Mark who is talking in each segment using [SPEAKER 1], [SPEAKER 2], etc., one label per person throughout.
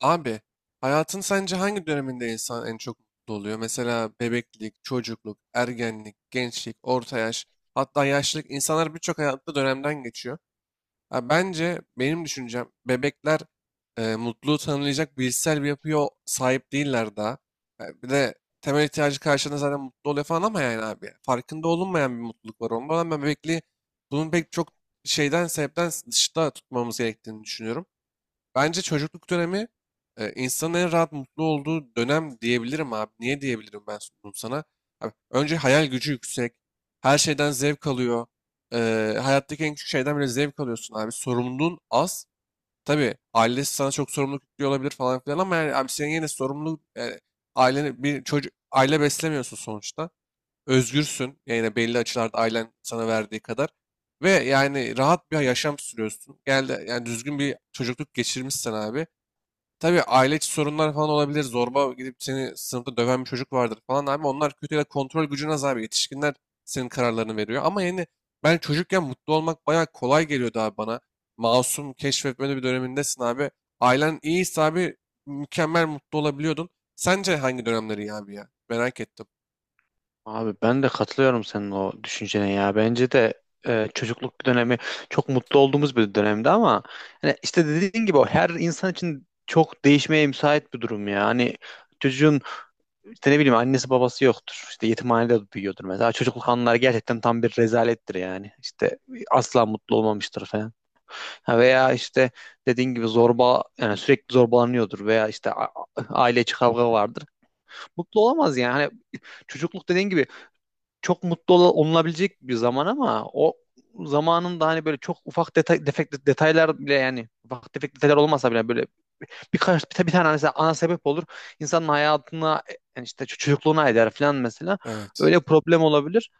[SPEAKER 1] Abi, hayatın sence hangi döneminde insan en çok mutlu oluyor? Mesela bebeklik, çocukluk, ergenlik, gençlik, orta yaş, hatta yaşlılık. İnsanlar birçok hayatta dönemden geçiyor. Ha, bence benim düşüncem bebekler mutluluğu tanımlayacak bilişsel bir yapıya sahip değiller daha. Bir de temel ihtiyacı karşılığında zaten mutlu oluyor falan ama yani abi farkında olunmayan bir mutluluk var. Ondan ben bebekliği bunun pek çok şeyden sebepten dışta tutmamız gerektiğini düşünüyorum. Bence çocukluk dönemi insanın en rahat mutlu olduğu dönem diyebilirim abi. Niye diyebilirim ben bunu sana? Abi, önce hayal gücü yüksek. Her şeyden zevk alıyor. E, Hayattaki en küçük şeyden bile zevk alıyorsun abi. Sorumluluğun az. Tabii ailesi sana çok sorumluluk yüklüyor olabilir falan filan ama yani abi senin yine sorumluluk yani aileni bir çocuk aile beslemiyorsun sonuçta özgürsün. Yani belli açılarda ailen sana verdiği kadar. Ve yani rahat bir yaşam sürüyorsun. Geldi yani düzgün bir çocukluk geçirmişsin abi. Tabii aile içi sorunlar falan olabilir. Zorba gidip seni sınıfta döven bir çocuk vardır falan abi. Onlar kötü ya da kontrol gücüne az abi. Yetişkinler senin kararlarını veriyor. Ama yani ben çocukken mutlu olmak bayağı kolay geliyordu abi bana. Masum keşfetmeli bir dönemindesin abi. Ailen iyiyse abi mükemmel mutlu olabiliyordun. Sence hangi dönemleri iyi abi ya? Merak ettim.
[SPEAKER 2] Abi ben de katılıyorum senin o düşüncene ya. Bence de çocukluk dönemi çok mutlu olduğumuz bir dönemdi ama hani işte dediğin gibi o her insan için çok değişmeye müsait bir durum ya. Hani çocuğun işte ne bileyim annesi babası yoktur. İşte yetimhanede büyüyordur mesela. Çocukluk anıları gerçekten tam bir rezalettir yani. İşte asla mutlu olmamıştır falan. Ha veya işte dediğin gibi zorba yani sürekli zorbalanıyordur veya işte aile içi kavga vardır. Mutlu olamaz yani. Hani çocukluk dediğin gibi çok mutlu olunabilecek bir zaman ama o zamanın da hani böyle çok ufak detaylar bile yani ufak tefek detaylar olmasa bile böyle birkaç bir tane mesela ana sebep olur. İnsanın hayatına yani işte çocukluğuna eder falan mesela.
[SPEAKER 1] Evet.
[SPEAKER 2] Öyle problem olabilir.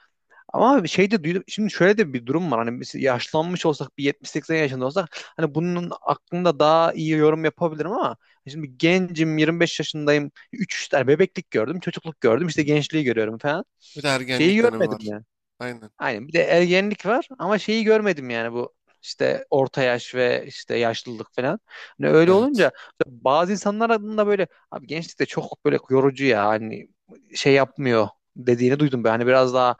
[SPEAKER 2] Ama bir şey de duydum. Şimdi şöyle de bir durum var. Hani biz yaşlanmış olsak bir 70-80 yaşında olsak hani bunun hakkında daha iyi yorum yapabilirim ama şimdi gencim, 25 yaşındayım. Üç işte bebeklik gördüm, çocukluk gördüm, işte gençliği görüyorum falan.
[SPEAKER 1] Bir de
[SPEAKER 2] Şeyi
[SPEAKER 1] ergenlik dönemi var.
[SPEAKER 2] görmedim.
[SPEAKER 1] Aynen.
[SPEAKER 2] Aynen bir de ergenlik var ama şeyi görmedim yani bu işte orta yaş ve işte yaşlılık falan. Hani öyle
[SPEAKER 1] Evet.
[SPEAKER 2] olunca bazı insanlar adında böyle abi gençlik çok böyle yorucu ya hani şey yapmıyor dediğini duydum. Ben hani biraz daha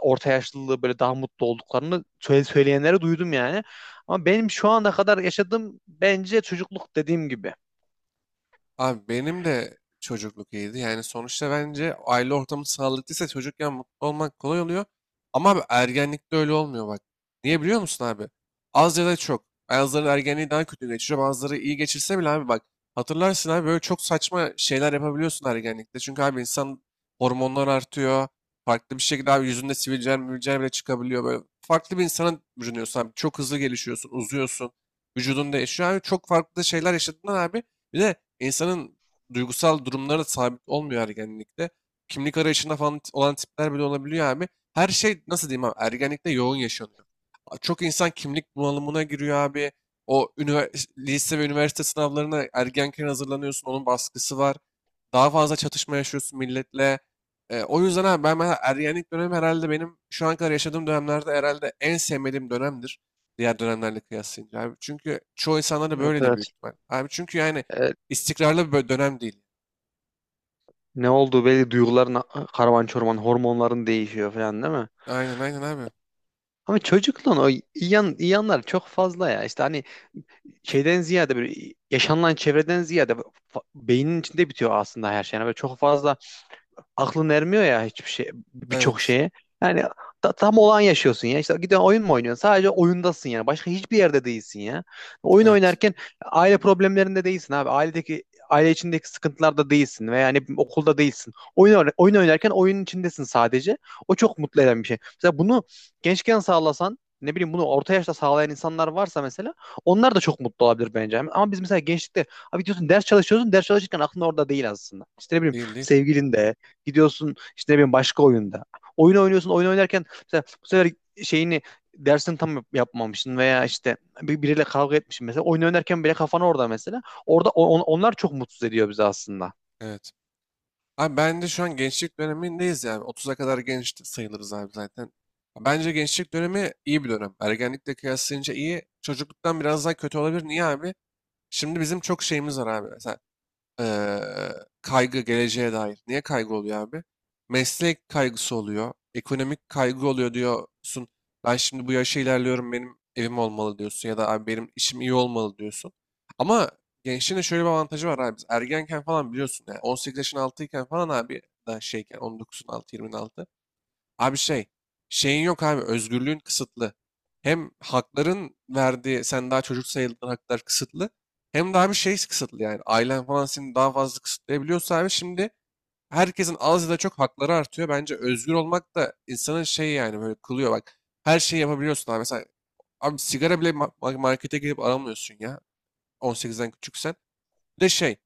[SPEAKER 2] orta yaşlılığı böyle daha mutlu olduklarını söyleyenleri duydum yani. Ama benim şu ana kadar yaşadığım bence çocukluk dediğim gibi.
[SPEAKER 1] Abi benim de çocukluk iyiydi. Yani sonuçta bence aile ortamı sağlıklıysa çocukken mutlu olmak kolay oluyor. Ama abi ergenlikte öyle olmuyor bak. Niye biliyor musun abi? Az ya da çok. Bazıları ergenliği daha kötü geçiriyor. Bazıları iyi geçirse bile abi bak. Hatırlarsın abi böyle çok saçma şeyler yapabiliyorsun ergenlikte. Çünkü abi insan hormonlar artıyor. Farklı bir şekilde abi yüzünde sivilceler, mülceler bile çıkabiliyor. Böyle farklı bir insana bürünüyorsun abi. Çok hızlı gelişiyorsun, uzuyorsun. Vücudun değişiyor abi. Çok farklı şeyler yaşadığından abi. Bir de İnsanın duygusal durumları da sabit olmuyor ergenlikte. Kimlik arayışında falan olan tipler bile olabiliyor abi. Her şey nasıl diyeyim abi ergenlikte yoğun yaşanıyor. Çok insan kimlik bunalımına giriyor abi. O ünivers- lise ve üniversite sınavlarına ergenken hazırlanıyorsun. Onun baskısı var. Daha fazla çatışma yaşıyorsun milletle. O yüzden abi ben mesela ergenlik dönemi herhalde benim şu an kadar yaşadığım dönemlerde herhalde en sevmediğim dönemdir. Diğer dönemlerle kıyaslayınca abi. Çünkü çoğu insanlar da
[SPEAKER 2] Evet,
[SPEAKER 1] böyledir büyük
[SPEAKER 2] evet.
[SPEAKER 1] ihtimal. Abi çünkü yani
[SPEAKER 2] Ee,
[SPEAKER 1] istikrarlı bir bö- dönem değil.
[SPEAKER 2] ne olduğu belli duyguların karman çorman, hormonların değişiyor falan değil mi?
[SPEAKER 1] Aynen abi.
[SPEAKER 2] Ama çocukluğun o iyi yanlar çok fazla ya. İşte hani şeyden ziyade böyle yaşanılan çevreden ziyade beynin içinde bitiyor aslında her şey. Yani böyle çok fazla aklın ermiyor ya hiçbir şey, birçok
[SPEAKER 1] Evet.
[SPEAKER 2] şeye. Yani tam olan yaşıyorsun ya. İşte gidiyorsun, oyun mu oynuyorsun? Sadece oyundasın yani. Başka hiçbir yerde değilsin ya. Oyun
[SPEAKER 1] Evet.
[SPEAKER 2] oynarken aile problemlerinde değilsin abi. Ailedeki aile içindeki sıkıntılarda değilsin veya yani okulda değilsin. Oyun oynarken oyunun içindesin sadece. O çok mutlu eden bir şey. Mesela bunu gençken sağlasan, ne bileyim, bunu orta yaşta sağlayan insanlar varsa mesela onlar da çok mutlu olabilir bence. Ama biz mesela gençlikte abi diyorsun ders çalışıyorsun, ders çalışırken aklın orada değil aslında. İşte ne bileyim
[SPEAKER 1] Değil.
[SPEAKER 2] sevgilin de. Gidiyorsun işte ne bileyim başka oyunda. Oyun oynuyorsun, oyun oynarken mesela bu sefer şeyini, dersini tam yapmamışsın veya işte biriyle kavga etmişsin mesela. Oyun oynarken bile kafan orada mesela. Orada onlar çok mutsuz ediyor bizi aslında.
[SPEAKER 1] Evet. Abi ben de şu an gençlik dönemindeyiz yani. 30'a kadar genç sayılırız abi zaten. Bence gençlik dönemi iyi bir dönem. Ergenlikle kıyaslayınca iyi. Çocukluktan biraz daha kötü olabilir. Niye abi? Şimdi bizim çok şeyimiz var abi. Eee, Kaygı geleceğe dair. Niye kaygı oluyor abi? Meslek kaygısı oluyor. Ekonomik kaygı oluyor diyorsun. Ben şimdi bu yaşa ilerliyorum benim evim olmalı diyorsun ya da abi benim işim iyi olmalı diyorsun. Ama gençliğin de şöyle bir avantajı var abi. Biz ergenken falan biliyorsun yani 18 yaşın altıyken falan abi daha şeyken 19'un altı 20'nin altı. Abi şey, şeyin yok abi, özgürlüğün kısıtlı. Hem hakların verdiği, sen daha çocuk sayıldığın haklar kısıtlı. Hem daha bir şey kısıtlı yani, ailen falan seni daha fazla kısıtlayabiliyorsa abi şimdi herkesin az ya da çok hakları artıyor. Bence özgür olmak da insanın şey yani böyle kılıyor bak. Her şeyi yapabiliyorsun abi. Mesela abi sigara bile ma- markete gidip alamıyorsun ya. 18'den küçüksen. Bir de şey,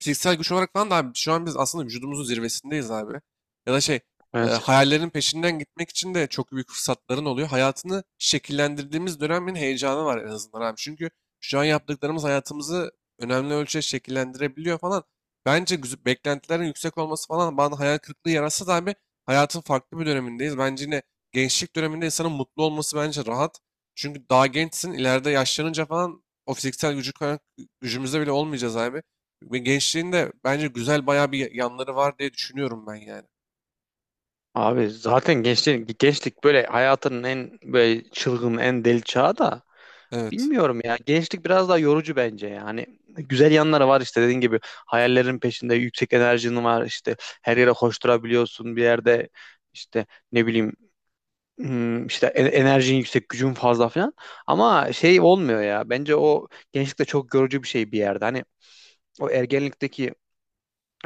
[SPEAKER 1] fiziksel güç olarak falan da abi şu an biz aslında vücudumuzun zirvesindeyiz abi. Ya da şey
[SPEAKER 2] Evet.
[SPEAKER 1] hayallerin peşinden gitmek için de çok büyük fırsatların oluyor. Hayatını şekillendirdiğimiz dönemin heyecanı var en azından abi. Çünkü şu an yaptıklarımız hayatımızı önemli ölçüde şekillendirebiliyor falan. Bence güz- beklentilerin yüksek olması falan bana hayal kırıklığı yaratsa da abi hayatın farklı bir dönemindeyiz. Bence yine gençlik döneminde insanın mutlu olması bence rahat. Çünkü daha gençsin ileride yaşlanınca falan o fiziksel gücü, gücümüzde bile olmayacağız abi. Ve gençliğinde bence güzel bayağı bir yanları var diye düşünüyorum ben yani.
[SPEAKER 2] Abi zaten gençlik böyle hayatının en böyle çılgın, en deli çağı da,
[SPEAKER 1] Evet,
[SPEAKER 2] bilmiyorum ya. Gençlik biraz daha yorucu bence yani. Güzel yanları var işte dediğin gibi, hayallerin peşinde yüksek enerjin var, işte her yere koşturabiliyorsun bir yerde, işte ne bileyim, işte enerjin yüksek, gücün fazla falan. Ama şey olmuyor ya. Bence o gençlikte çok yorucu bir şey bir yerde. Hani o ergenlikteki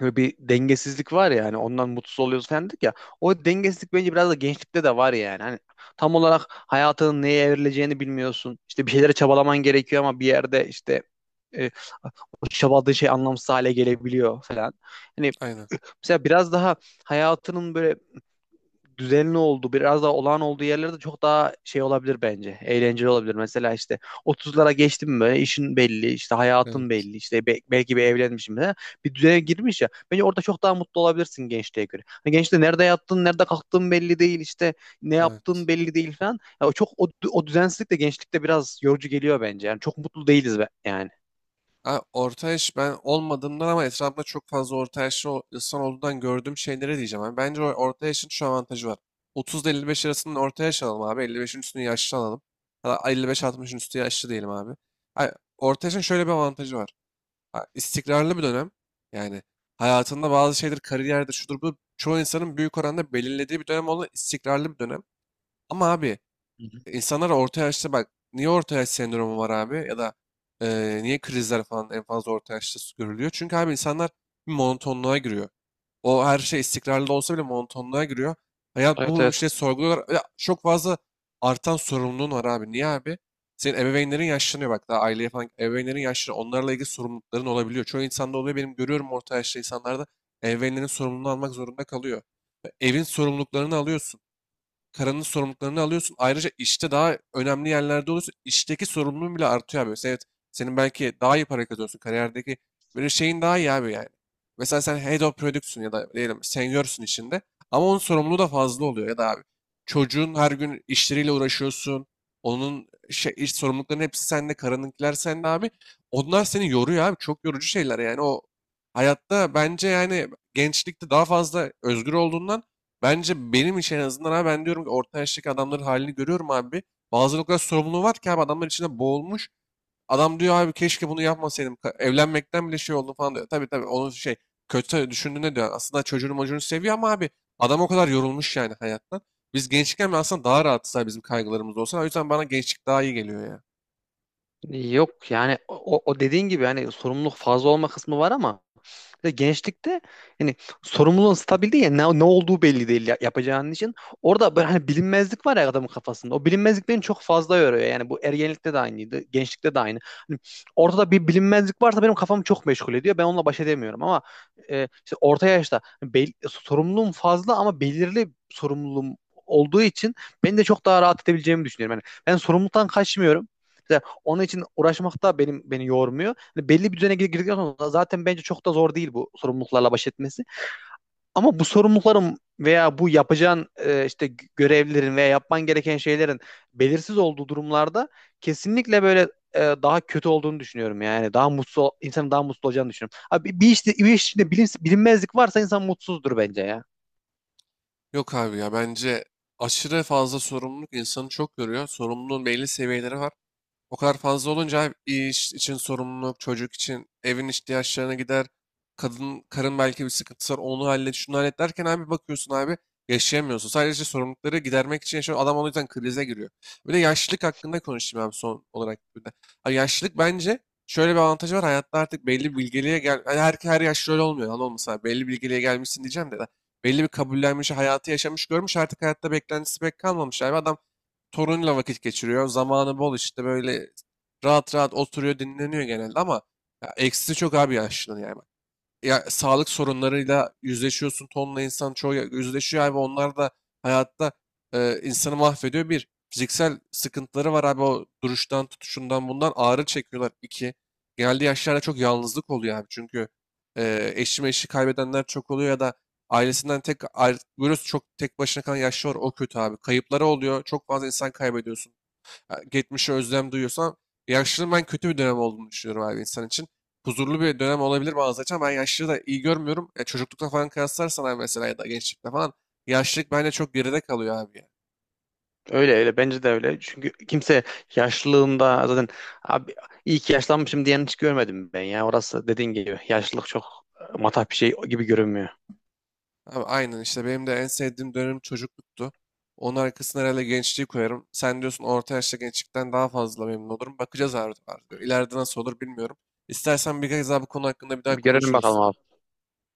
[SPEAKER 2] böyle bir dengesizlik var ya, hani ondan mutsuz oluyoruz falan dedik ya. O dengesizlik bence biraz da gençlikte de var yani. Hani tam olarak hayatının neye evrileceğini bilmiyorsun. İşte bir şeylere çabalaman gerekiyor ama bir yerde işte e, o çabaladığın şey anlamsız hale gelebiliyor falan. Hani
[SPEAKER 1] aynen.
[SPEAKER 2] mesela biraz daha hayatının böyle düzenli olduğu, biraz daha olağan olduğu yerlerde çok daha şey olabilir bence. Eğlenceli olabilir. Mesela işte 30'lara geçtim mi böyle işin belli, işte hayatın
[SPEAKER 1] Evet,
[SPEAKER 2] belli, işte belki bir evlenmişim falan. Bir düzene girmiş ya. Bence orada çok daha mutlu olabilirsin gençliğe göre. Hani gençte nerede yattın, nerede kalktığın belli değil, işte ne
[SPEAKER 1] evet.
[SPEAKER 2] yaptığın belli değil falan. Ya o çok o düzensizlik de gençlikte biraz yorucu geliyor bence. Yani çok mutlu değiliz be, yani.
[SPEAKER 1] Ha, orta yaş ben olmadığımdan ama etrafımda çok fazla orta yaşlı o- insan olduğundan gördüğüm şeylere diyeceğim abi. Bence o orta yaşın şu avantajı var. 30 ile 55 arasının orta yaş alalım abi. 55'in üstünü yaşlı alalım. Ya da 55-60'ın üstü yaşlı diyelim abi. Ha, orta yaşın şöyle bir avantajı var. Ha, istikrarlı bir dönem. Yani hayatında bazı şeyler, kariyerdir, şudur bu. Çoğu insanın büyük oranda belirlediği bir dönem olan istikrarlı bir dönem. Ama abi
[SPEAKER 2] Hı hı.
[SPEAKER 1] İnsanlar orta yaşta bak niye orta yaş sendromu var abi ya da niye krizler falan en fazla orta yaşta s- görülüyor? Çünkü abi insanlar bir monotonluğa giriyor. O her şey istikrarlı olsa bile monotonluğa giriyor. Hayat
[SPEAKER 2] Evet,
[SPEAKER 1] bu
[SPEAKER 2] evet.
[SPEAKER 1] işte sorguluyorlar. Ya, çok fazla artan sorumluluğun var abi. Niye abi? Senin ebeveynlerin yaşlanıyor bak daha aileye falan ebeveynlerin yaşlanıyor. Onlarla ilgili sorumlulukların olabiliyor. Çoğu insanda oluyor. Benim görüyorum orta yaşlı insanlarda ebeveynlerin sorumluluğunu almak zorunda kalıyor. Evin sorumluluklarını alıyorsun. Karanın sorumluluklarını alıyorsun. Ayrıca işte daha önemli yerlerde oluyorsun. İşteki sorumluluğun bile artıyor abi. Mesela evet, senin belki daha iyi para kazanıyorsun. Kariyerdeki böyle şeyin daha iyi abi yani. Mesela sen head of product'sun ya da diyelim senior'sun içinde. Ama onun sorumluluğu da fazla oluyor ya da abi. Çocuğun her gün işleriyle uğraşıyorsun. Onun şey, iş sorumluluklarının hepsi sende. Karınınkiler sende abi. Onlar seni yoruyor abi. Çok yorucu şeyler yani. O hayatta bence yani gençlikte daha fazla özgür olduğundan bence benim için en azından abi ben diyorum ki orta yaştaki adamların halini görüyorum abi. Bazıları o kadar sorumluluğu var ki abi adamlar içinde boğulmuş. Adam diyor abi keşke bunu yapmasaydım. Ka- evlenmekten bile şey oldu falan diyor. Tabii onun şey kötü düşündüğüne diyor. Aslında çocuğunu mocuğunu seviyor ama abi adam o kadar yorulmuş yani hayattan. Biz gençken aslında daha rahatız abi bizim kaygılarımız olsa. O yüzden bana gençlik daha iyi geliyor ya.
[SPEAKER 2] Yok yani o dediğin gibi hani sorumluluk fazla olma kısmı var ama bir de gençlikte yani sorumluluğun stabil değil ya, ne olduğu belli değil yapacağın için. Orada böyle hani bilinmezlik var ya adamın kafasında. O bilinmezlik beni çok fazla yoruyor. Yani bu ergenlikte de aynıydı, gençlikte de aynı. Hani ortada bir bilinmezlik varsa benim kafamı çok meşgul ediyor. Ben onunla baş edemiyorum ama işte orta yaşta sorumluluğum fazla ama belirli sorumluluğum olduğu için beni de çok daha rahat edebileceğimi düşünüyorum. Yani ben sorumluluktan kaçmıyorum. İşte onun için uğraşmak da benim, beni yormuyor. Hani belli bir düzene girdikten sonra zaten bence çok da zor değil bu sorumluluklarla baş etmesi. Ama bu sorumlulukların veya bu yapacağın işte görevlerin veya yapman gereken şeylerin belirsiz olduğu durumlarda kesinlikle böyle daha kötü olduğunu düşünüyorum yani. Daha mutsuz insanın daha mutsuz olacağını düşünüyorum. Abi bir işte, bir iş içinde bilinmezlik varsa insan mutsuzdur bence ya.
[SPEAKER 1] Yok abi ya bence aşırı fazla sorumluluk insanı çok yoruyor. Sorumluluğun belli seviyeleri var. O kadar fazla olunca hem iş için sorumluluk, çocuk için evin ihtiyaçlarına gider. Kadın, karın belki bir sıkıntısı var onu hallet, şunu hallet derken abi bakıyorsun abi yaşayamıyorsun. Sadece işte sorumlulukları gidermek için yaşıyor. Adam o yüzden krize giriyor. Bir de yaşlılık hakkında konuşayım abi son olarak. Bir de. Abi yaşlılık bence şöyle bir avantajı var. Hayatta artık belli bir bilgeliğe gel... Yani her yaşlı öyle olmuyor. Anladın mı? Mesela belli bir bilgeliğe gelmişsin diyeceğim de. Belli bir kabullenmiş, hayatı yaşamış, görmüş. Artık hayatta beklentisi pek kalmamış abi. Adam torunuyla vakit geçiriyor. Zamanı bol işte böyle rahat rahat oturuyor dinleniyor genelde ama ya, eksisi çok abi yaşlının yani ya sağlık sorunlarıyla yüzleşiyorsun. Tonla insan çoğu ya- yüzleşiyor abi. Onlar da hayatta insanı mahvediyor. Bir, fiziksel sıkıntıları var abi. O duruştan, tutuşundan bundan ağrı çekiyorlar. İki, geldiği yaşlarda çok yalnızlık oluyor abi. Çünkü eşi meşi kaybedenler çok oluyor ya da ailesinden tek ayrı, böyle çok tek başına kalan yaşlı var. O kötü abi. Kayıpları oluyor. Çok fazla insan kaybediyorsun. Ha, geçmişe özlem duyuyorsam yaşlılığın ben kötü bir dönem olduğunu düşünüyorum abi insan için. Huzurlu bir dönem olabilir bazı açıdan. Ben yaşlılığı da iyi görmüyorum. Ya çocuklukta falan kıyaslarsan abi mesela ya da gençlikte falan yaşlılık bence çok geride kalıyor abi ya.
[SPEAKER 2] Öyle öyle, bence de öyle. Çünkü kimse yaşlılığında zaten abi iyi ki yaşlanmışım diyen hiç görmedim ben ya. Orası dediğin gibi yaşlılık çok matah bir şey gibi görünmüyor.
[SPEAKER 1] Abi aynen işte benim de en sevdiğim dönem çocukluktu. Onun arkasına herhalde gençliği koyarım. Sen diyorsun orta yaşta gençlikten daha fazla memnun olurum. Bakacağız abi artık. İleride nasıl olur bilmiyorum. İstersen bir kez daha bu konu hakkında bir daha
[SPEAKER 2] Bir görelim
[SPEAKER 1] konuşuruz.
[SPEAKER 2] bakalım abi.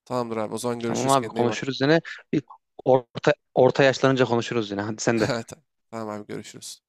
[SPEAKER 1] Tamamdır abi. O zaman
[SPEAKER 2] Tamam
[SPEAKER 1] görüşürüz.
[SPEAKER 2] abi,
[SPEAKER 1] Kendine iyi bak.
[SPEAKER 2] konuşuruz yine. Bir orta yaşlanınca konuşuruz yine. Hadi sen de.
[SPEAKER 1] Tamam abi görüşürüz.